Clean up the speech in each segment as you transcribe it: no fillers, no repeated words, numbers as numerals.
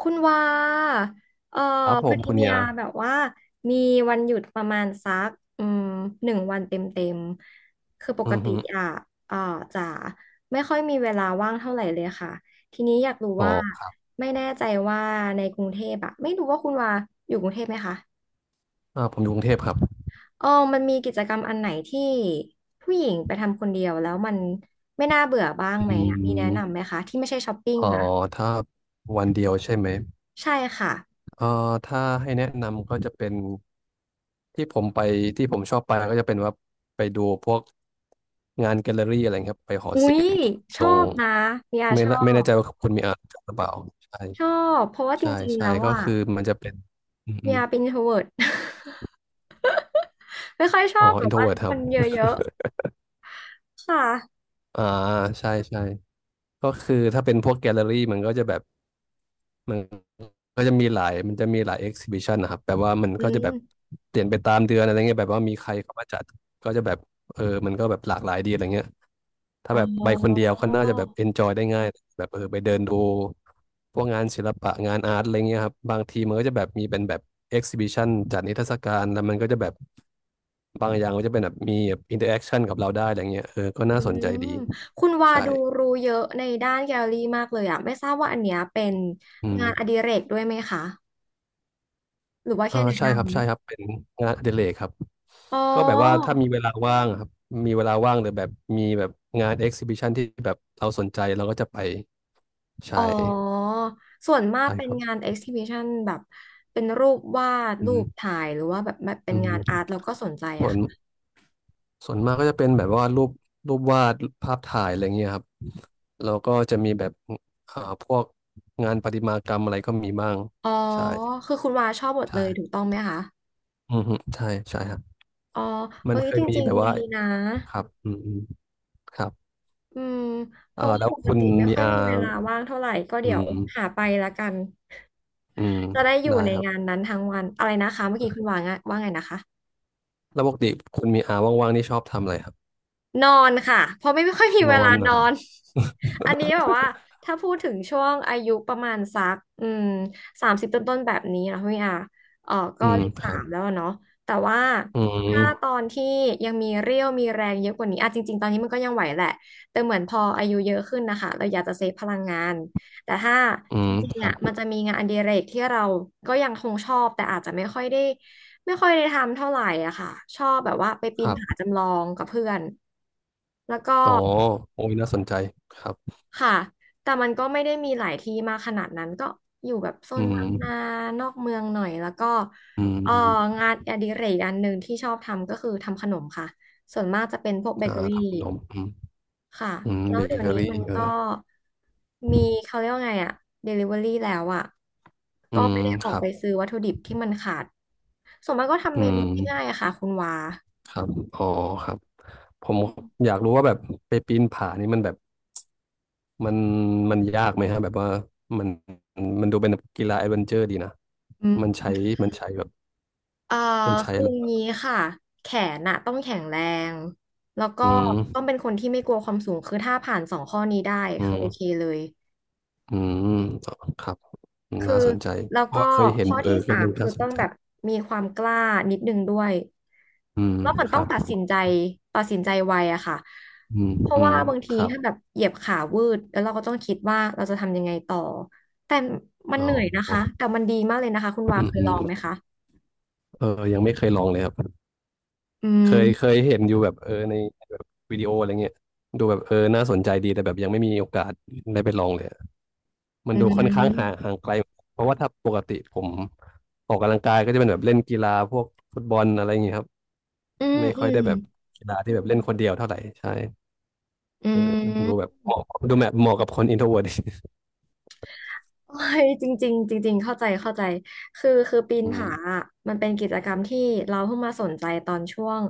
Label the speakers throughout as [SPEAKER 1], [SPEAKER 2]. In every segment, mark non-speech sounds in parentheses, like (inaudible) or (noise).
[SPEAKER 1] คุณว่าเออ
[SPEAKER 2] ครับผ
[SPEAKER 1] พอ
[SPEAKER 2] ม
[SPEAKER 1] ดี
[SPEAKER 2] คุณ
[SPEAKER 1] เมี
[SPEAKER 2] เนี่
[SPEAKER 1] ย
[SPEAKER 2] ย
[SPEAKER 1] แบบว่ามีวันหยุดประมาณสักอืมหนึ่งวันเต็มคือป
[SPEAKER 2] อื
[SPEAKER 1] ก
[SPEAKER 2] อ
[SPEAKER 1] ติ
[SPEAKER 2] ฮึ
[SPEAKER 1] อ่ะเออจะไม่ค่อยมีเวลาว่างเท่าไหร่เลยค่ะทีนี้อยากรู้
[SPEAKER 2] อ๋
[SPEAKER 1] ว่า
[SPEAKER 2] อ
[SPEAKER 1] ไม่แน่ใจว่าในกรุงเทพอะไม่รู้ว่าคุณว่าอยู่กรุงเทพไหมคะ
[SPEAKER 2] อ่าผมอยู่กรุงเทพครับ
[SPEAKER 1] เออมันมีกิจกรรมอันไหนที่ผู้หญิงไปทำคนเดียวแล้วมันไม่น่าเบื่อบ้างไหม
[SPEAKER 2] อื
[SPEAKER 1] อะมีแนะนำไหม
[SPEAKER 2] ม
[SPEAKER 1] คะที่ไม่ใช่ช้อปปิ้ง
[SPEAKER 2] อ๋อ
[SPEAKER 1] นะ
[SPEAKER 2] ถ้าวันเดียวใช่ไหม
[SPEAKER 1] ใช่ค่ะ
[SPEAKER 2] เอ่อถ้าให้แนะนำก็จะเป็นที่ผมไปที่ผมชอบไปก็จะเป็นว่าไปดูพวกงานแกลเลอรี่อะไรครับไปหอ
[SPEAKER 1] อุ๊
[SPEAKER 2] ศิ
[SPEAKER 1] ย
[SPEAKER 2] ลป์
[SPEAKER 1] ช
[SPEAKER 2] ต
[SPEAKER 1] อ
[SPEAKER 2] รง
[SPEAKER 1] บนะเมีย
[SPEAKER 2] ไม่ละไม่แน่
[SPEAKER 1] บ
[SPEAKER 2] ใจว่าคุณมีอ่านหรือเปล่าใช่
[SPEAKER 1] ชอบเพราะว่าจ
[SPEAKER 2] ใช่
[SPEAKER 1] ริงๆ
[SPEAKER 2] ใช่
[SPEAKER 1] แล้ว
[SPEAKER 2] ก็
[SPEAKER 1] อ่ะ
[SPEAKER 2] คือมันจะเป็นอืมอ
[SPEAKER 1] เมี
[SPEAKER 2] ม
[SPEAKER 1] ยเป็น introvert (laughs) ไม่ค่อยชอ
[SPEAKER 2] อ๋อ
[SPEAKER 1] บแบ
[SPEAKER 2] อิ
[SPEAKER 1] บ
[SPEAKER 2] นโทร
[SPEAKER 1] ว่า
[SPEAKER 2] เวิร์ตค
[SPEAKER 1] ค
[SPEAKER 2] รับ
[SPEAKER 1] นเยอะๆค่ะ
[SPEAKER 2] อ่าใช่ใช่ก็คือถ้าเป็นพวกแกลเลอรี่มันก็จะแบบมัน ก็จะมีหลายมันจะมีหลายเอ็กซิบิชันนะครับแบบว่ามัน
[SPEAKER 1] อื
[SPEAKER 2] ก็จะแบบ
[SPEAKER 1] ม
[SPEAKER 2] เปลี่ยนไปตามเดือนอะไรเงี้ยแบบว่ามีใครเข้ามาจัดก็จะแบบเออมันก็แบบหลากหลายดีอะไรเงี้ยถ้า
[SPEAKER 1] อ๋อ
[SPEAKER 2] แบบไปคนเดียวก็น่าจะแบบเอนจอยได้ง่ายแบบเออไปเดินดูพวกงานศิลปะงานอาร์ตอะไรเงี้ยครับบางทีมันก็จะแบบมีเป็นแบบเอ็กซิบิชันจัดนิทรรศการแล้วมันก็จะแบบบางอย่างมันจะเป็นแบบมีแบบอินเตอร์แอคชั่นกับเราได้อะไรเงี้ยเออก็
[SPEAKER 1] อื
[SPEAKER 2] น่าสนใจ
[SPEAKER 1] ม
[SPEAKER 2] ดี
[SPEAKER 1] คุณวา
[SPEAKER 2] ใช่
[SPEAKER 1] ดูรู้เยอะในด้านแกลเลอรี่มากเลยอ่ะไม่ทราบว่าอันเนี้ยเป็น
[SPEAKER 2] อื
[SPEAKER 1] งานอดิ
[SPEAKER 2] ม
[SPEAKER 1] เรกด้วยไหมคะหรือว่า
[SPEAKER 2] อ่า
[SPEAKER 1] แค่แนะ
[SPEAKER 2] ใช่
[SPEAKER 1] น
[SPEAKER 2] ครับเป็นงานอดิเรกครับ
[SPEAKER 1] ำอ๋
[SPEAKER 2] ก็แบบว่า
[SPEAKER 1] อ
[SPEAKER 2] ถ้ามีเวลาว่างอะครับมีเวลาว่างหรือแบบมีแบบงานเอ็กซิบิชันที่แบบเราสนใจเราก็จะไป
[SPEAKER 1] อ๋อ
[SPEAKER 2] ใช่
[SPEAKER 1] ส่วนมาก
[SPEAKER 2] ใช่
[SPEAKER 1] เป็
[SPEAKER 2] ค
[SPEAKER 1] น
[SPEAKER 2] รั
[SPEAKER 1] งา
[SPEAKER 2] บ
[SPEAKER 1] น exhibition แบบเป็นรูปวาด
[SPEAKER 2] อื
[SPEAKER 1] รูป
[SPEAKER 2] ม
[SPEAKER 1] ถ่ายหรือว่าแบบเป็
[SPEAKER 2] อื
[SPEAKER 1] น
[SPEAKER 2] ม
[SPEAKER 1] งานอาร์ตเราก็สนใจ
[SPEAKER 2] ส่
[SPEAKER 1] อะ
[SPEAKER 2] วน
[SPEAKER 1] ค่ะ
[SPEAKER 2] ส่วนมากก็จะเป็นแบบว่ารูปวาดภาพถ่ายอะไรเงี้ยครับแล้วก็จะมีแบบอ่าพวกงานประติมากรรมอะไรก็มีบ้าง
[SPEAKER 1] อ๋อ
[SPEAKER 2] ใช่
[SPEAKER 1] คือคุณวาชอบหมดเล
[SPEAKER 2] ใช่
[SPEAKER 1] ยถูกต้องไหมคะ
[SPEAKER 2] อืมฮึใช่ใช่ครับ
[SPEAKER 1] อ๋อ
[SPEAKER 2] มั
[SPEAKER 1] เอ้
[SPEAKER 2] น
[SPEAKER 1] ย
[SPEAKER 2] เค
[SPEAKER 1] จ
[SPEAKER 2] ยมี
[SPEAKER 1] ริง
[SPEAKER 2] แบบ
[SPEAKER 1] ๆดี
[SPEAKER 2] ว่า
[SPEAKER 1] นะ
[SPEAKER 2] ครับอืมอืมครับ
[SPEAKER 1] อืมเพ
[SPEAKER 2] อ่า
[SPEAKER 1] ราะว่า
[SPEAKER 2] แล้ว
[SPEAKER 1] ปก
[SPEAKER 2] คุณ
[SPEAKER 1] ติไม่
[SPEAKER 2] มี
[SPEAKER 1] ค่อย
[SPEAKER 2] อา
[SPEAKER 1] มีเวลาว่างเท่าไหร่ก็
[SPEAKER 2] อื
[SPEAKER 1] เดี๋ยว
[SPEAKER 2] ม
[SPEAKER 1] หาไปละกัน
[SPEAKER 2] อืม
[SPEAKER 1] จะได้อยู่
[SPEAKER 2] ได้
[SPEAKER 1] ใน
[SPEAKER 2] ครั
[SPEAKER 1] งาน
[SPEAKER 2] บ
[SPEAKER 1] นั้นทั้งวันอะไรนะคะเมื่อกี้คุณวางว่าไงนะคะ
[SPEAKER 2] แล้วปกติคุณมีอาว่างๆนี่ชอบทำอะไรครับ
[SPEAKER 1] นอนค่ะเพราะไม่ค่อยมี
[SPEAKER 2] น
[SPEAKER 1] เว
[SPEAKER 2] อ
[SPEAKER 1] ลา
[SPEAKER 2] นเหร
[SPEAKER 1] น
[SPEAKER 2] อ
[SPEAKER 1] อน
[SPEAKER 2] (laughs)
[SPEAKER 1] (laughs) อันนี้แบบว่าถ้าพูดถึงช่วงอายุประมาณสัก30ต้นต้นๆแบบนี้นะพี่อาเออ
[SPEAKER 2] อื
[SPEAKER 1] ก็
[SPEAKER 2] ม
[SPEAKER 1] เลข
[SPEAKER 2] ค
[SPEAKER 1] สา
[SPEAKER 2] รับ
[SPEAKER 1] มแล้วอะเนาะแต่ว่า
[SPEAKER 2] อื
[SPEAKER 1] ถ้าต
[SPEAKER 2] ม
[SPEAKER 1] อนที่ยังมีเรี่ยวมีแรงเยอะกว่านี้อ่ะจริงๆตอนนี้มันก็ยังไหวแหละแต่เหมือนพออายุเยอะขึ้นนะคะเราอยากจะเซฟพลังงานแต่ถ้า
[SPEAKER 2] อื
[SPEAKER 1] จ
[SPEAKER 2] ม
[SPEAKER 1] ริง
[SPEAKER 2] ค
[SPEAKER 1] ๆ
[SPEAKER 2] รั
[SPEAKER 1] อ่ะมัน
[SPEAKER 2] บ
[SPEAKER 1] จะมีงานอดิเรกที่เราก็ยังคงชอบแต่อาจจะไม่ค่อยได้ ไม่ค่อยได้ทำเท่าไหร่อะค่ะ ชอบแบบว่าไปปี
[SPEAKER 2] ค
[SPEAKER 1] น
[SPEAKER 2] รับ
[SPEAKER 1] ผาจำลองกับเพื่อนแล้วก็
[SPEAKER 2] อ๋อโอ้ยน่าสนใจครับ
[SPEAKER 1] ค่ะ แต่มันก็ไม่ได้มีหลายที่มากขนาดนั้นก็อยู่แบบโซ
[SPEAKER 2] อื
[SPEAKER 1] น
[SPEAKER 2] ม
[SPEAKER 1] บางนานอกเมืองหน่อยแล้วก็
[SPEAKER 2] อืม
[SPEAKER 1] เออ
[SPEAKER 2] อืม
[SPEAKER 1] งานอดิเรกอันหนึ่งที่ชอบทำก็คือทำขนมค่ะส่วนมากจะเป็นพวกเบเกอ
[SPEAKER 2] อ่า
[SPEAKER 1] รี่
[SPEAKER 2] ทำขนมอืม
[SPEAKER 1] ค่ะ
[SPEAKER 2] อืม
[SPEAKER 1] แล้
[SPEAKER 2] เบ
[SPEAKER 1] วเดี๋ยว
[SPEAKER 2] เกอ
[SPEAKER 1] นี้
[SPEAKER 2] รี่
[SPEAKER 1] มัน
[SPEAKER 2] เอ
[SPEAKER 1] ก็
[SPEAKER 2] อ
[SPEAKER 1] มีเขาเรียกว่าไงอะ Delivery แล้วอะ
[SPEAKER 2] อื
[SPEAKER 1] ก็
[SPEAKER 2] ม
[SPEAKER 1] ไม่ได้อ
[SPEAKER 2] ค
[SPEAKER 1] อก
[SPEAKER 2] รั
[SPEAKER 1] ไป
[SPEAKER 2] บ
[SPEAKER 1] ซื้อวัตถุดิบที่มันขาดส่วนมากก็ทำ
[SPEAKER 2] อื
[SPEAKER 1] เมนู
[SPEAKER 2] ม
[SPEAKER 1] ง่ายๆอะค่ะคุณวา
[SPEAKER 2] ครับอ๋อครับผมอยากรู้ว่าแบบไปปีนผานี่มันแบบมันมันยากไหมฮะแบบว่ามันมันดูเป็นกีฬาแอดเวนเจอร์ดีนะ
[SPEAKER 1] อืม
[SPEAKER 2] มันใช้มันใช้แบบ
[SPEAKER 1] เอ่อ
[SPEAKER 2] มันใช้
[SPEAKER 1] คื
[SPEAKER 2] อะ
[SPEAKER 1] อ
[SPEAKER 2] ไรบ้าง
[SPEAKER 1] งี้ค่ะ แขนน่ะต้องแข็งแรง แล้วก็
[SPEAKER 2] อืม
[SPEAKER 1] ต้องเป็นคนที่ไม่กลัวความสูง คือถ้าผ่านสองข้อนี้ได้
[SPEAKER 2] อื
[SPEAKER 1] คือ
[SPEAKER 2] ม
[SPEAKER 1] โอเคเลย
[SPEAKER 2] อืมครับ
[SPEAKER 1] คื
[SPEAKER 2] น่า
[SPEAKER 1] อ
[SPEAKER 2] สนใจ
[SPEAKER 1] แล้ว
[SPEAKER 2] เพราะ
[SPEAKER 1] ก็
[SPEAKER 2] ว่าเคยเห็น
[SPEAKER 1] ข้อ
[SPEAKER 2] เออ
[SPEAKER 1] ที่
[SPEAKER 2] ค
[SPEAKER 1] สา
[SPEAKER 2] นห
[SPEAKER 1] ม
[SPEAKER 2] นึ่ง
[SPEAKER 1] คื
[SPEAKER 2] น่า
[SPEAKER 1] อ
[SPEAKER 2] ส
[SPEAKER 1] ต้อ
[SPEAKER 2] น
[SPEAKER 1] ง
[SPEAKER 2] ใจ
[SPEAKER 1] แบบมีความกล้านิดนึงด้วย
[SPEAKER 2] อืม
[SPEAKER 1] แล้วมัน
[SPEAKER 2] ค
[SPEAKER 1] ต้อ
[SPEAKER 2] รั
[SPEAKER 1] ง
[SPEAKER 2] บ
[SPEAKER 1] ตัดสินใจตัดสินใจไวอะค่ะ
[SPEAKER 2] อืม
[SPEAKER 1] เพราะ
[SPEAKER 2] อื
[SPEAKER 1] ว่า
[SPEAKER 2] ม
[SPEAKER 1] บาง
[SPEAKER 2] ค
[SPEAKER 1] ที
[SPEAKER 2] รับ
[SPEAKER 1] ถ้าแบบเหยียบขาวืดแล้วเราก็ต้องคิดว่าเราจะทำยังไงต่อ แต่มัน
[SPEAKER 2] อ๋อ
[SPEAKER 1] เหนื่อยนะคะแต่มันดีมากเลยนะคะคุณวา
[SPEAKER 2] อืม
[SPEAKER 1] เคย
[SPEAKER 2] อื
[SPEAKER 1] ล
[SPEAKER 2] ม
[SPEAKER 1] องไหมคะ
[SPEAKER 2] เออยังไม่เคยลองเลยครับ
[SPEAKER 1] อืม
[SPEAKER 2] เคยเห็นอยู่แบบเออในแบบวิดีโออะไรเงี้ยดูแบบเออน่าสนใจดีแต่แบบยังไม่มีโอกาสได้ไปลองเลยอะมัน
[SPEAKER 1] อื
[SPEAKER 2] ดูค่อนข้าง
[SPEAKER 1] ม
[SPEAKER 2] ห่างไกลเพราะว่าถ้าปกติผมออกกำลังกายก็จะเป็นแบบเล่นกีฬาพวกฟุตบอลอะไรอย่างเงี้ยครับ
[SPEAKER 1] อืม
[SPEAKER 2] ไม่
[SPEAKER 1] อื
[SPEAKER 2] ค่อย
[SPEAKER 1] ม
[SPEAKER 2] ได้แบบกีฬาที่แบบเล่นคนเดียวเท่าไหร่ใช่
[SPEAKER 1] อื
[SPEAKER 2] เออดู
[SPEAKER 1] ม
[SPEAKER 2] แบบเหมาะดูแบบเหมาะกับคนอินโทรเวิร์ต (laughs)
[SPEAKER 1] โอ้ยจริงๆจริงๆเข้าใจเข้าใจคือปีน
[SPEAKER 2] อื
[SPEAKER 1] ผา
[SPEAKER 2] ม
[SPEAKER 1] อะมันเป็นกิจกรรมที่เราเพิ่งมาสนใจตอนช่วง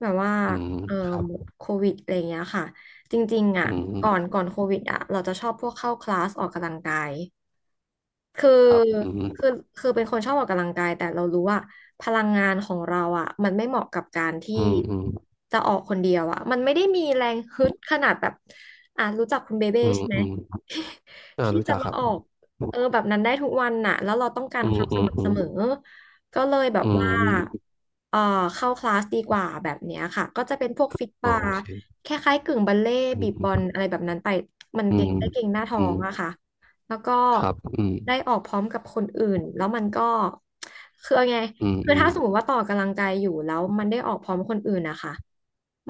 [SPEAKER 1] แบบว่า
[SPEAKER 2] อืม
[SPEAKER 1] เออ
[SPEAKER 2] ครับ
[SPEAKER 1] โควิดอะไรอย่างเงี้ยค่ะจริงๆอ่ะ
[SPEAKER 2] อื
[SPEAKER 1] ก่อน
[SPEAKER 2] ม
[SPEAKER 1] ก่อนโควิดอ่ะเราจะชอบพวกเข้าคลาสออกกำลังกายคือ
[SPEAKER 2] ครับอื
[SPEAKER 1] คื
[SPEAKER 2] ม
[SPEAKER 1] อคือเป็นคนชอบออกกำลังกายแต่เรารู้ว่าพลังงานของเราอ่ะมันไม่เหมาะกับการที่
[SPEAKER 2] อืมอืม
[SPEAKER 1] จะออกคนเดียวอ่ะมันไม่ได้มีแรงฮึดขนาดแบบอ่ะรู้จักคุณเบเบ้
[SPEAKER 2] อืม
[SPEAKER 1] ใช่ไหม
[SPEAKER 2] อืมอ่า
[SPEAKER 1] ที่
[SPEAKER 2] รู้
[SPEAKER 1] จะ
[SPEAKER 2] จัก
[SPEAKER 1] มา
[SPEAKER 2] ครั
[SPEAKER 1] ออก
[SPEAKER 2] บ
[SPEAKER 1] แบบนั้นได้ทุกวันน่ะแล้วเราต้องการ
[SPEAKER 2] อื
[SPEAKER 1] ค
[SPEAKER 2] ม
[SPEAKER 1] วามส
[SPEAKER 2] อืม
[SPEAKER 1] ม่ำ
[SPEAKER 2] อื
[SPEAKER 1] เส
[SPEAKER 2] ม
[SPEAKER 1] มอก็เลยแบบ
[SPEAKER 2] อืม
[SPEAKER 1] ว่า
[SPEAKER 2] อืม
[SPEAKER 1] เออเข้าคลาสดีกว่าแบบเนี้ยค่ะก็จะเป็นพวกฟิต
[SPEAKER 2] อ๋อ
[SPEAKER 1] บา
[SPEAKER 2] โอ
[SPEAKER 1] ร์
[SPEAKER 2] เค
[SPEAKER 1] คล้ายๆกึ่งบัลเล่ต์
[SPEAKER 2] อื
[SPEAKER 1] บีบบอล
[SPEAKER 2] ม
[SPEAKER 1] อะไรแบบนั้นไปมัน
[SPEAKER 2] อื
[SPEAKER 1] เก่ง
[SPEAKER 2] ม
[SPEAKER 1] ได้เก่งหน้าท้อ
[SPEAKER 2] อืม
[SPEAKER 1] งอะค่ะแล้วก็
[SPEAKER 2] ครับอืม
[SPEAKER 1] ได้ออกพร้อมกับคนอื่นแล้วมันก็คือเอาไง
[SPEAKER 2] อืม
[SPEAKER 1] คือ
[SPEAKER 2] อืม
[SPEAKER 1] ถ้าสมมติว่าต่อกำลังกายอยู่แล้วมันได้ออกพร้อมคนอื่นนะคะ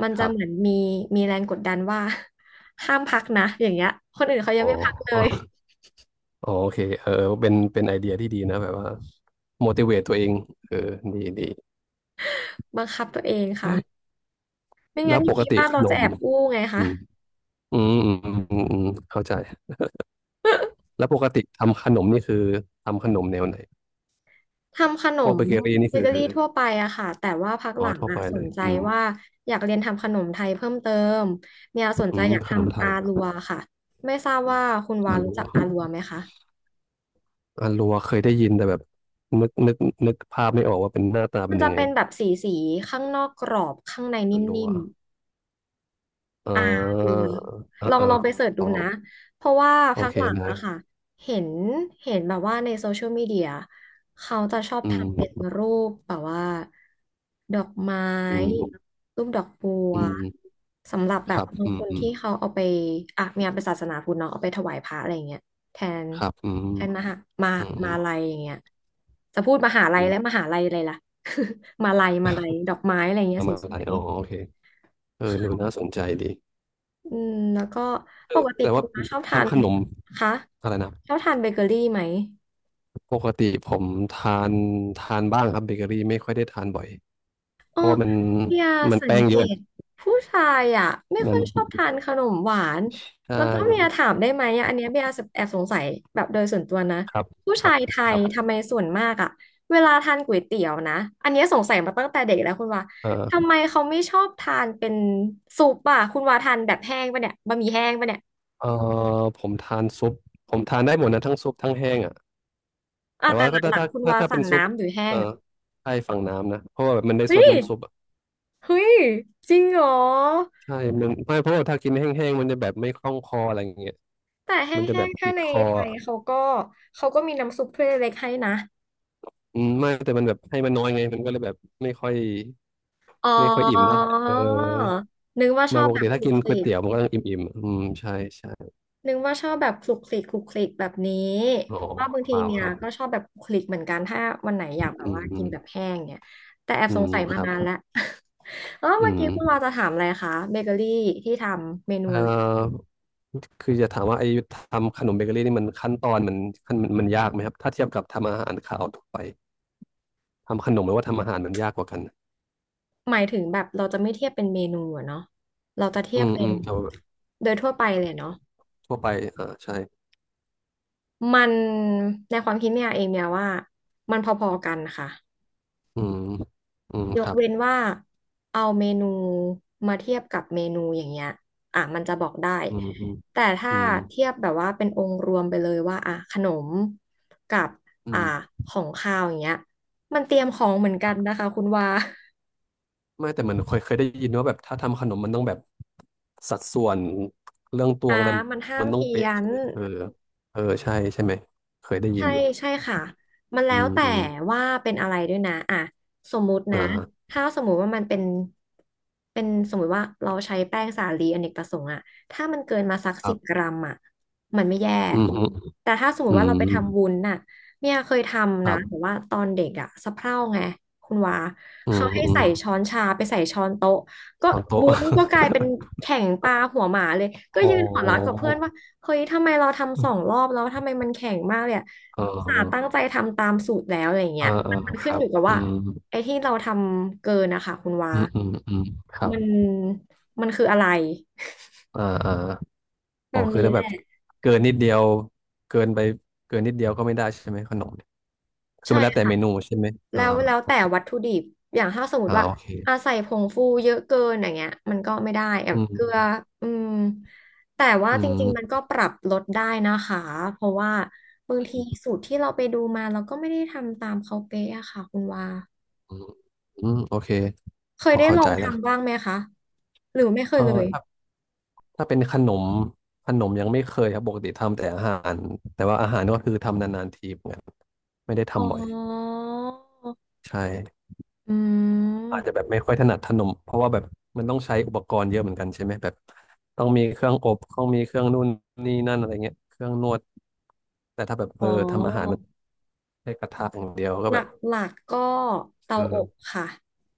[SPEAKER 1] มัน
[SPEAKER 2] ค
[SPEAKER 1] จะ
[SPEAKER 2] รับ
[SPEAKER 1] เหมือนมีมีแรงกดดันว่า (laughs) ห้ามพักนะอย่างเงี้ยคนอื่นเขายั
[SPEAKER 2] อ๋
[SPEAKER 1] ง
[SPEAKER 2] อ
[SPEAKER 1] ไม่พักเลย
[SPEAKER 2] อ๋อโอเคเออเป็นไอเดียที่ดีนะแบบว่า motivate ตัวเองเออดี
[SPEAKER 1] บังคับตัวเองค่ะไม่
[SPEAKER 2] แล้
[SPEAKER 1] งั้น
[SPEAKER 2] ว
[SPEAKER 1] อ
[SPEAKER 2] ป
[SPEAKER 1] ยู่
[SPEAKER 2] ก
[SPEAKER 1] ที่
[SPEAKER 2] ติ
[SPEAKER 1] บ้าน
[SPEAKER 2] ข
[SPEAKER 1] เรา
[SPEAKER 2] น
[SPEAKER 1] จะ
[SPEAKER 2] ม
[SPEAKER 1] แอบอู้ไง
[SPEAKER 2] อื
[SPEAKER 1] คะ
[SPEAKER 2] มอืมอืมอืมอืมเข้าใจ แล้วปกติทำขนมนี่คือทำขนมแนวไหน
[SPEAKER 1] ทำขน
[SPEAKER 2] พวก
[SPEAKER 1] ม
[SPEAKER 2] เบเกอรี่นี่
[SPEAKER 1] เบ
[SPEAKER 2] คือ
[SPEAKER 1] เกอรี่ทั่วไปอะค่ะแต่ว่าพักห
[SPEAKER 2] อ๋อ
[SPEAKER 1] ลัง
[SPEAKER 2] ทั่ว
[SPEAKER 1] อะ
[SPEAKER 2] ไป
[SPEAKER 1] ส
[SPEAKER 2] เล
[SPEAKER 1] น
[SPEAKER 2] ย
[SPEAKER 1] ใจ
[SPEAKER 2] อืม
[SPEAKER 1] ว่าอยากเรียนทำขนมไทยเพิ่มเติมเนี่ย
[SPEAKER 2] อื
[SPEAKER 1] สนใจ
[SPEAKER 2] ม
[SPEAKER 1] อยาก
[SPEAKER 2] ขนมไท
[SPEAKER 1] ทำอา
[SPEAKER 2] ยครั
[SPEAKER 1] ลัว
[SPEAKER 2] บ
[SPEAKER 1] ค่ะไม่ทราบว่าคุณวา
[SPEAKER 2] อา
[SPEAKER 1] รู้
[SPEAKER 2] รั
[SPEAKER 1] จั
[SPEAKER 2] ว
[SPEAKER 1] กอาลัวไหมคะ
[SPEAKER 2] เคยได้ยินแต่แบบนึกนึกนึกภาพไม่ออกว่าเป็นหน้าตา
[SPEAKER 1] มั
[SPEAKER 2] เป็
[SPEAKER 1] น
[SPEAKER 2] นยั
[SPEAKER 1] จะ
[SPEAKER 2] งไง
[SPEAKER 1] เป็นแบบสีสีข้างนอกกรอบข้างใน
[SPEAKER 2] อารัว
[SPEAKER 1] นิ่ม
[SPEAKER 2] อ่
[SPEAKER 1] เออ
[SPEAKER 2] าอ่า
[SPEAKER 1] ลอง
[SPEAKER 2] อ่า
[SPEAKER 1] ไปเสิร์ช
[SPEAKER 2] พ
[SPEAKER 1] ดู
[SPEAKER 2] อ
[SPEAKER 1] นะเพราะว่า
[SPEAKER 2] โอ
[SPEAKER 1] พัก
[SPEAKER 2] เค
[SPEAKER 1] หลัง
[SPEAKER 2] เน
[SPEAKER 1] อะ
[SPEAKER 2] ย
[SPEAKER 1] ค่ะเห็นเห็นแบบว่าในโซเชียลมีเดียเขาจะชอบ
[SPEAKER 2] อื
[SPEAKER 1] ทำเป็น
[SPEAKER 2] ม
[SPEAKER 1] รูปแบบว่าดอกไม้
[SPEAKER 2] อืม
[SPEAKER 1] รูปดอกบัว
[SPEAKER 2] อืม
[SPEAKER 1] สำหรับแบ
[SPEAKER 2] ค
[SPEAKER 1] บ
[SPEAKER 2] รับ
[SPEAKER 1] บาง
[SPEAKER 2] อื
[SPEAKER 1] ค
[SPEAKER 2] ม
[SPEAKER 1] น
[SPEAKER 2] อืม
[SPEAKER 1] ที่เขาเอาไปอ่ะมีงานเป็นศาสนาพุทธเนาะเอาไปถวายพระอะไรเงี้ยแทน
[SPEAKER 2] ครับอืม
[SPEAKER 1] แทนมหามา
[SPEAKER 2] อืมอื
[SPEAKER 1] มา
[SPEAKER 2] ม
[SPEAKER 1] ลัยอย่างเงี้ยจะพูดมหาลัย
[SPEAKER 2] อื
[SPEAKER 1] และม
[SPEAKER 2] ม
[SPEAKER 1] หาลัยอะไรล่ะ (laughs) มาลัยมาลัยดอกไม้อะไรเงี้
[SPEAKER 2] ป
[SPEAKER 1] ย
[SPEAKER 2] ระ
[SPEAKER 1] ส
[SPEAKER 2] มาณอะไร
[SPEAKER 1] วย
[SPEAKER 2] อ๋อโอเคเอ
[SPEAKER 1] ๆ
[SPEAKER 2] อ
[SPEAKER 1] ค่
[SPEAKER 2] ดู
[SPEAKER 1] ะ
[SPEAKER 2] น่าสนใจดี
[SPEAKER 1] อืมแล้วก็
[SPEAKER 2] เอ
[SPEAKER 1] ป
[SPEAKER 2] อ
[SPEAKER 1] กติ
[SPEAKER 2] แต่
[SPEAKER 1] คุ
[SPEAKER 2] ว่า
[SPEAKER 1] ณน้าชอบทาน
[SPEAKER 2] ทำขนม
[SPEAKER 1] คะ
[SPEAKER 2] อะไรนะ
[SPEAKER 1] ชอบทานเบเกอรี่ไหม
[SPEAKER 2] ปกติผมทานบ้างครับเบเกอรี่ไม่ค่อยได้ทานบ่อยเพราะว่ามัน
[SPEAKER 1] เนี่ยสัง
[SPEAKER 2] แป้ง
[SPEAKER 1] เก
[SPEAKER 2] เยอะ
[SPEAKER 1] ตผู้ชายอ่ะไม่
[SPEAKER 2] มั
[SPEAKER 1] ค่
[SPEAKER 2] น
[SPEAKER 1] อยชอบทานขนมหวาน
[SPEAKER 2] ใช่
[SPEAKER 1] แล้วก็เมียถามได้ไหมอะอันเนี้ยเบียร์แอบสงสัยแบบโดยส่วนตัวนะ
[SPEAKER 2] ครับ
[SPEAKER 1] ผู้
[SPEAKER 2] ครั
[SPEAKER 1] ชา
[SPEAKER 2] บ
[SPEAKER 1] ยไท
[SPEAKER 2] ค
[SPEAKER 1] ย
[SPEAKER 2] รับ
[SPEAKER 1] ทำไมส่วนมากอ่ะเวลาทานก๋วยเตี๋ยวนะอันเนี้ยสงสัยมาตั้งแต่เด็กแล้วคุณว่าทำ
[SPEAKER 2] เออ
[SPEAKER 1] ไมเขาไม่ชอบทานเป็นซุปอ่ะคุณว่าทานแบบแห้งปะเนี่ยบะหมี่แห้งปะเนี่ย
[SPEAKER 2] เออผมทานซุปผมทานได้หมดนะทั้งซุปทั้งแห้งอ่ะ
[SPEAKER 1] อ่ะ
[SPEAKER 2] แต่
[SPEAKER 1] แต่
[SPEAKER 2] ว่า
[SPEAKER 1] ห
[SPEAKER 2] ก็
[SPEAKER 1] ลักๆคุณว่า
[SPEAKER 2] ถ้าเป็
[SPEAKER 1] สั่ง
[SPEAKER 2] นซุป
[SPEAKER 1] น้ำหรือแห้
[SPEAKER 2] เออ
[SPEAKER 1] ง
[SPEAKER 2] ใช่ฝั่งน้ำนะเพราะว่าแบบมันได้
[SPEAKER 1] เฮ้
[SPEAKER 2] ซด
[SPEAKER 1] ย
[SPEAKER 2] น้ำซุปอะ
[SPEAKER 1] เฮ้ยจริงเหรอ
[SPEAKER 2] ใช่มันไม่เพราะว่าถ้ากินแห้งๆมันจะแบบไม่คล่องคออะไรอย่างเงี้ย
[SPEAKER 1] แต่แห
[SPEAKER 2] มันจะ
[SPEAKER 1] ้
[SPEAKER 2] แบบ
[SPEAKER 1] งๆถ้า
[SPEAKER 2] ติด
[SPEAKER 1] ใน
[SPEAKER 2] คอ
[SPEAKER 1] ไทยเขาก็เขาก็มีน้ำซุปถ้วยเล็กๆให้นะ
[SPEAKER 2] อืมไม่แต่มันแบบให้มันน้อยไงมันก็เลยแบบไม่ค่อย
[SPEAKER 1] อ๋อ
[SPEAKER 2] อิ่มเท่าไหร่เออ
[SPEAKER 1] นึกว่าช
[SPEAKER 2] ไมา
[SPEAKER 1] อบ
[SPEAKER 2] ปก
[SPEAKER 1] แบบ
[SPEAKER 2] ติ
[SPEAKER 1] ค
[SPEAKER 2] ถ้า
[SPEAKER 1] ลุก
[SPEAKER 2] กิน
[SPEAKER 1] ค
[SPEAKER 2] ก๋
[SPEAKER 1] ลิ
[SPEAKER 2] วย
[SPEAKER 1] ก
[SPEAKER 2] เตี๋ยวมันก็ต้องอิ่มๆอืมใช่ใช่
[SPEAKER 1] นึกว่าชอบแบบคลุกคลิกคลุกคลิกแบบนี้
[SPEAKER 2] อ๋อ
[SPEAKER 1] เพราะว่าบาง
[SPEAKER 2] เป
[SPEAKER 1] ที
[SPEAKER 2] ล่า
[SPEAKER 1] เมี
[SPEAKER 2] ค
[SPEAKER 1] ย
[SPEAKER 2] รับ
[SPEAKER 1] ก็ชอบแบบคลุกคลิกเหมือนกันถ้าวันไหนอยากแบบ
[SPEAKER 2] อืม
[SPEAKER 1] ว่า
[SPEAKER 2] อื
[SPEAKER 1] กิน
[SPEAKER 2] ม
[SPEAKER 1] แบบแห้งเนี่ยแต่แอบ
[SPEAKER 2] อื
[SPEAKER 1] สง
[SPEAKER 2] ม
[SPEAKER 1] สัย
[SPEAKER 2] ค
[SPEAKER 1] มา
[SPEAKER 2] รับ
[SPEAKER 1] นานแล้ว (laughs) เออ
[SPEAKER 2] อื
[SPEAKER 1] เมื่อ
[SPEAKER 2] ม
[SPEAKER 1] กี้คุณเราจะถามอะไรคะเบเกอรี่ที่ทำเมนู
[SPEAKER 2] เอ่
[SPEAKER 1] อะไร
[SPEAKER 2] อคือจะถามว่าไอ้ทำขนมเบเกอรี่นี่มันขั้นตอนมันมันยากไหมครับถ้าเทียบกับทำอาหารขาวทั่วไปทำขนมหรือว่าทำอาหารมันยากกว่ากัน
[SPEAKER 1] หมายถึงแบบเราจะไม่เทียบเป็นเมนูอะเนาะเราจะเที
[SPEAKER 2] อื
[SPEAKER 1] ยบ
[SPEAKER 2] ม
[SPEAKER 1] เป็
[SPEAKER 2] อื
[SPEAKER 1] น
[SPEAKER 2] มเอา
[SPEAKER 1] โดยทั่วไปเลยเนาะ
[SPEAKER 2] ทั่วไปอ่าใช่
[SPEAKER 1] มันในความคิดเนี่ยเองเนี่ยว่ามันพอๆกันค่ะ
[SPEAKER 2] อืมอืม
[SPEAKER 1] ย
[SPEAKER 2] ค
[SPEAKER 1] ก
[SPEAKER 2] รั
[SPEAKER 1] เว้น
[SPEAKER 2] บ
[SPEAKER 1] ว่าเอาเมนูมาเทียบกับเมนูอย่างเงี้ยอ่ะมันจะบอกได้
[SPEAKER 2] อืมอืม
[SPEAKER 1] แต่ถ้า
[SPEAKER 2] อืม
[SPEAKER 1] เทียบแบบว่าเป็นองค์รวมไปเลยว่าอ่ะขนมกับ
[SPEAKER 2] อื
[SPEAKER 1] อ่ะ
[SPEAKER 2] ม
[SPEAKER 1] ของคาวอย่างเงี้ยมันเตรียมของเหมือนกันนะคะคุณว่า
[SPEAKER 2] ไม่แต่มันเคยได้ยินว่าแบบถ้าทำขนมมันต้องแบบ สัดส่วนเรื่องตวง
[SPEAKER 1] อ่า
[SPEAKER 2] อะไร
[SPEAKER 1] มันห้า
[SPEAKER 2] มั
[SPEAKER 1] ม
[SPEAKER 2] นต้อง
[SPEAKER 1] เพี้ย
[SPEAKER 2] เป๊ะ
[SPEAKER 1] น
[SPEAKER 2] ใช่ไหมเออเออใช่ใช่ไหมเคยได้ยิ
[SPEAKER 1] ใช่
[SPEAKER 2] นอยู่
[SPEAKER 1] ใช่ค่ะมันแล้
[SPEAKER 2] อื
[SPEAKER 1] ว
[SPEAKER 2] ม
[SPEAKER 1] แต่
[SPEAKER 2] อืม
[SPEAKER 1] ว่าเป็นอะไรด้วยนะอ่ะสมมุติ
[SPEAKER 2] อ่
[SPEAKER 1] นะ
[SPEAKER 2] า
[SPEAKER 1] ถ้าสมมุติว่ามันเป็นเป็นสมมุติว่าเราใช้แป้งสาลีอเนกประสงค์อะถ้ามันเกินมาสัก
[SPEAKER 2] ค
[SPEAKER 1] สิ
[SPEAKER 2] รั
[SPEAKER 1] บก
[SPEAKER 2] บ
[SPEAKER 1] รัมอะมันไม่แย่
[SPEAKER 2] อืมอืม
[SPEAKER 1] แต่ถ้าสมมุ
[SPEAKER 2] อื
[SPEAKER 1] ติว่าเรา
[SPEAKER 2] ม
[SPEAKER 1] ไปทำวุ้นน่ะเนี่ยเคยท
[SPEAKER 2] ค
[SPEAKER 1] ำนะ
[SPEAKER 2] รั
[SPEAKER 1] แต่
[SPEAKER 2] บ
[SPEAKER 1] ว่าตอนเด็กอะสะเพร่าไงคุณวา
[SPEAKER 2] อื
[SPEAKER 1] เขา
[SPEAKER 2] ม
[SPEAKER 1] ให้
[SPEAKER 2] อืม
[SPEAKER 1] ใส่ช้อนชาไปใส่ช้อนโต๊ะก็
[SPEAKER 2] ช้อนโต๊ะ
[SPEAKER 1] วุ้นก็กลายเป็นแข่งปลาหัวหมาเลยก็
[SPEAKER 2] (laughs) โอ้
[SPEAKER 1] ยืนหัวเราะกับเพื่อนว่า เฮ้ยทำไมเราทำ2 รอบแล้วทำไมมันแข็งมากเลยอะ
[SPEAKER 2] เอ
[SPEAKER 1] สา
[SPEAKER 2] อ
[SPEAKER 1] ตั้งใจทำตามสูตรแล้วอะไร
[SPEAKER 2] เอ
[SPEAKER 1] เงี้
[SPEAKER 2] อ
[SPEAKER 1] ย
[SPEAKER 2] เออ
[SPEAKER 1] มัน
[SPEAKER 2] ค
[SPEAKER 1] ขึ้น
[SPEAKER 2] รั
[SPEAKER 1] อ
[SPEAKER 2] บ
[SPEAKER 1] ยู่กับ
[SPEAKER 2] อื
[SPEAKER 1] ว่า
[SPEAKER 2] ม
[SPEAKER 1] ไอ้ที่เราทำเกินนะคะคุณวา
[SPEAKER 2] อืมอืมอืมครับ
[SPEAKER 1] มันมันคืออะไร
[SPEAKER 2] อ่าอ่า
[SPEAKER 1] แบ
[SPEAKER 2] อ๋อ
[SPEAKER 1] บ
[SPEAKER 2] คือ
[SPEAKER 1] นี้
[SPEAKER 2] ถ้า
[SPEAKER 1] แห
[SPEAKER 2] แบ
[SPEAKER 1] ละ
[SPEAKER 2] บเกินนิดเดียวเกินไปเกินนิดเดียวก็ไม่ได้ใช่ไหมขนมเนี่ยคือ
[SPEAKER 1] ใช่
[SPEAKER 2] มันแล้วแต่
[SPEAKER 1] ค่ะ
[SPEAKER 2] เมนูใช่ไหมอ่า
[SPEAKER 1] แล้วแล้ว
[SPEAKER 2] โอ
[SPEAKER 1] แต่
[SPEAKER 2] เค
[SPEAKER 1] วัตถุดิบอย่างถ้าสมม
[SPEAKER 2] อ่า
[SPEAKER 1] ติว่า
[SPEAKER 2] โอเค
[SPEAKER 1] อาใส่ผงฟูเยอะเกินอย่างเงี้ยมันก็ไม่ได้แบ
[SPEAKER 2] อื
[SPEAKER 1] บเกลือ
[SPEAKER 2] ม
[SPEAKER 1] อืมแต่ว่า
[SPEAKER 2] อื
[SPEAKER 1] จริ
[SPEAKER 2] ม
[SPEAKER 1] งๆมันก็ปรับลดได้นะคะ เพราะว่าบางทีสูตรที่เราไปดูมาเราก็ไม่ได้ทำตามเขาเป๊ะอะค่ะคุณวา
[SPEAKER 2] อืมอืมโอเค
[SPEAKER 1] เค
[SPEAKER 2] พ
[SPEAKER 1] ย
[SPEAKER 2] อ
[SPEAKER 1] ได้
[SPEAKER 2] เข้า
[SPEAKER 1] ลอ
[SPEAKER 2] ใจ
[SPEAKER 1] ง
[SPEAKER 2] แล้วครั
[SPEAKER 1] ทำบ้าง
[SPEAKER 2] บ
[SPEAKER 1] ไหมคะ หรือไม่เค
[SPEAKER 2] เอ
[SPEAKER 1] ย
[SPEAKER 2] อ
[SPEAKER 1] เลย
[SPEAKER 2] ถ้าถ้าเป็นขนมยังไม่เคยครับปกติทำแต่อาหารแต่ว่าอาหารก็คือทำนานๆทีเหมือนกันไม่ได้
[SPEAKER 1] อ๋อ
[SPEAKER 2] ทำบ่อยใช่
[SPEAKER 1] อื
[SPEAKER 2] อาจจะ
[SPEAKER 1] ม
[SPEAKER 2] แบบไม่ค่อยถนัดขนมเพราะว่าแบบมันต้องใช้อุปกรณ์เยอะเหมือนกันใช่ไหมแบบต้องมีเครื่องอบต้องมีเครื่องนู่นนี่นั่นอะไรเงี้ยเครื่องนวดแต่ถ้าแบบเอ
[SPEAKER 1] อ๋
[SPEAKER 2] อทำอาหารมั
[SPEAKER 1] อ
[SPEAKER 2] นใช้กระทะอย่างเดียวก็
[SPEAKER 1] หลั
[SPEAKER 2] แบ
[SPEAKER 1] ก
[SPEAKER 2] บ
[SPEAKER 1] ๆกก็เตา
[SPEAKER 2] เอ
[SPEAKER 1] อบ
[SPEAKER 2] อ
[SPEAKER 1] ค่ะ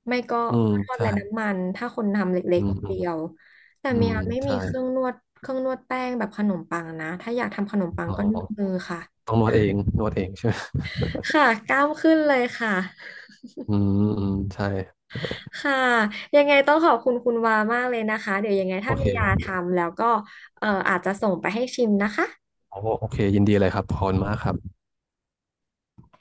[SPEAKER 1] ไม่ก็
[SPEAKER 2] อืม
[SPEAKER 1] ทอด
[SPEAKER 2] ใช่
[SPEAKER 1] ไร้น้ำมันถ้าคนทำเล็
[SPEAKER 2] อื
[SPEAKER 1] กๆ
[SPEAKER 2] ม
[SPEAKER 1] คน
[SPEAKER 2] อื
[SPEAKER 1] เดี
[SPEAKER 2] ม
[SPEAKER 1] ยวแต่
[SPEAKER 2] อื
[SPEAKER 1] เมี
[SPEAKER 2] ม
[SPEAKER 1] ยไม่มี
[SPEAKER 2] ใช่
[SPEAKER 1] เครื่องนวดเครื่องนวดแป้งแบบขนมปังนะถ้าอยากทำขนมปัง
[SPEAKER 2] อ๋อ
[SPEAKER 1] ก็นวดมือค่ะ
[SPEAKER 2] ต้องนวดเองใช่ไหม
[SPEAKER 1] ค่ะกล้ามขึ้นเลยค่ะ
[SPEAKER 2] อืมอืมใช่
[SPEAKER 1] ค่ะยังไงต้องขอบคุณคุณวามากเลยนะคะ เดี๋ยวยังไง
[SPEAKER 2] โอ
[SPEAKER 1] ถ้า
[SPEAKER 2] เค
[SPEAKER 1] มี
[SPEAKER 2] ค
[SPEAKER 1] ยา
[SPEAKER 2] รับ
[SPEAKER 1] ทำแล้วก็อาจจะส่งไปให้ชิมนะคะ
[SPEAKER 2] โอ้โอเคยินดีเลยครับขอบคุณมากครับ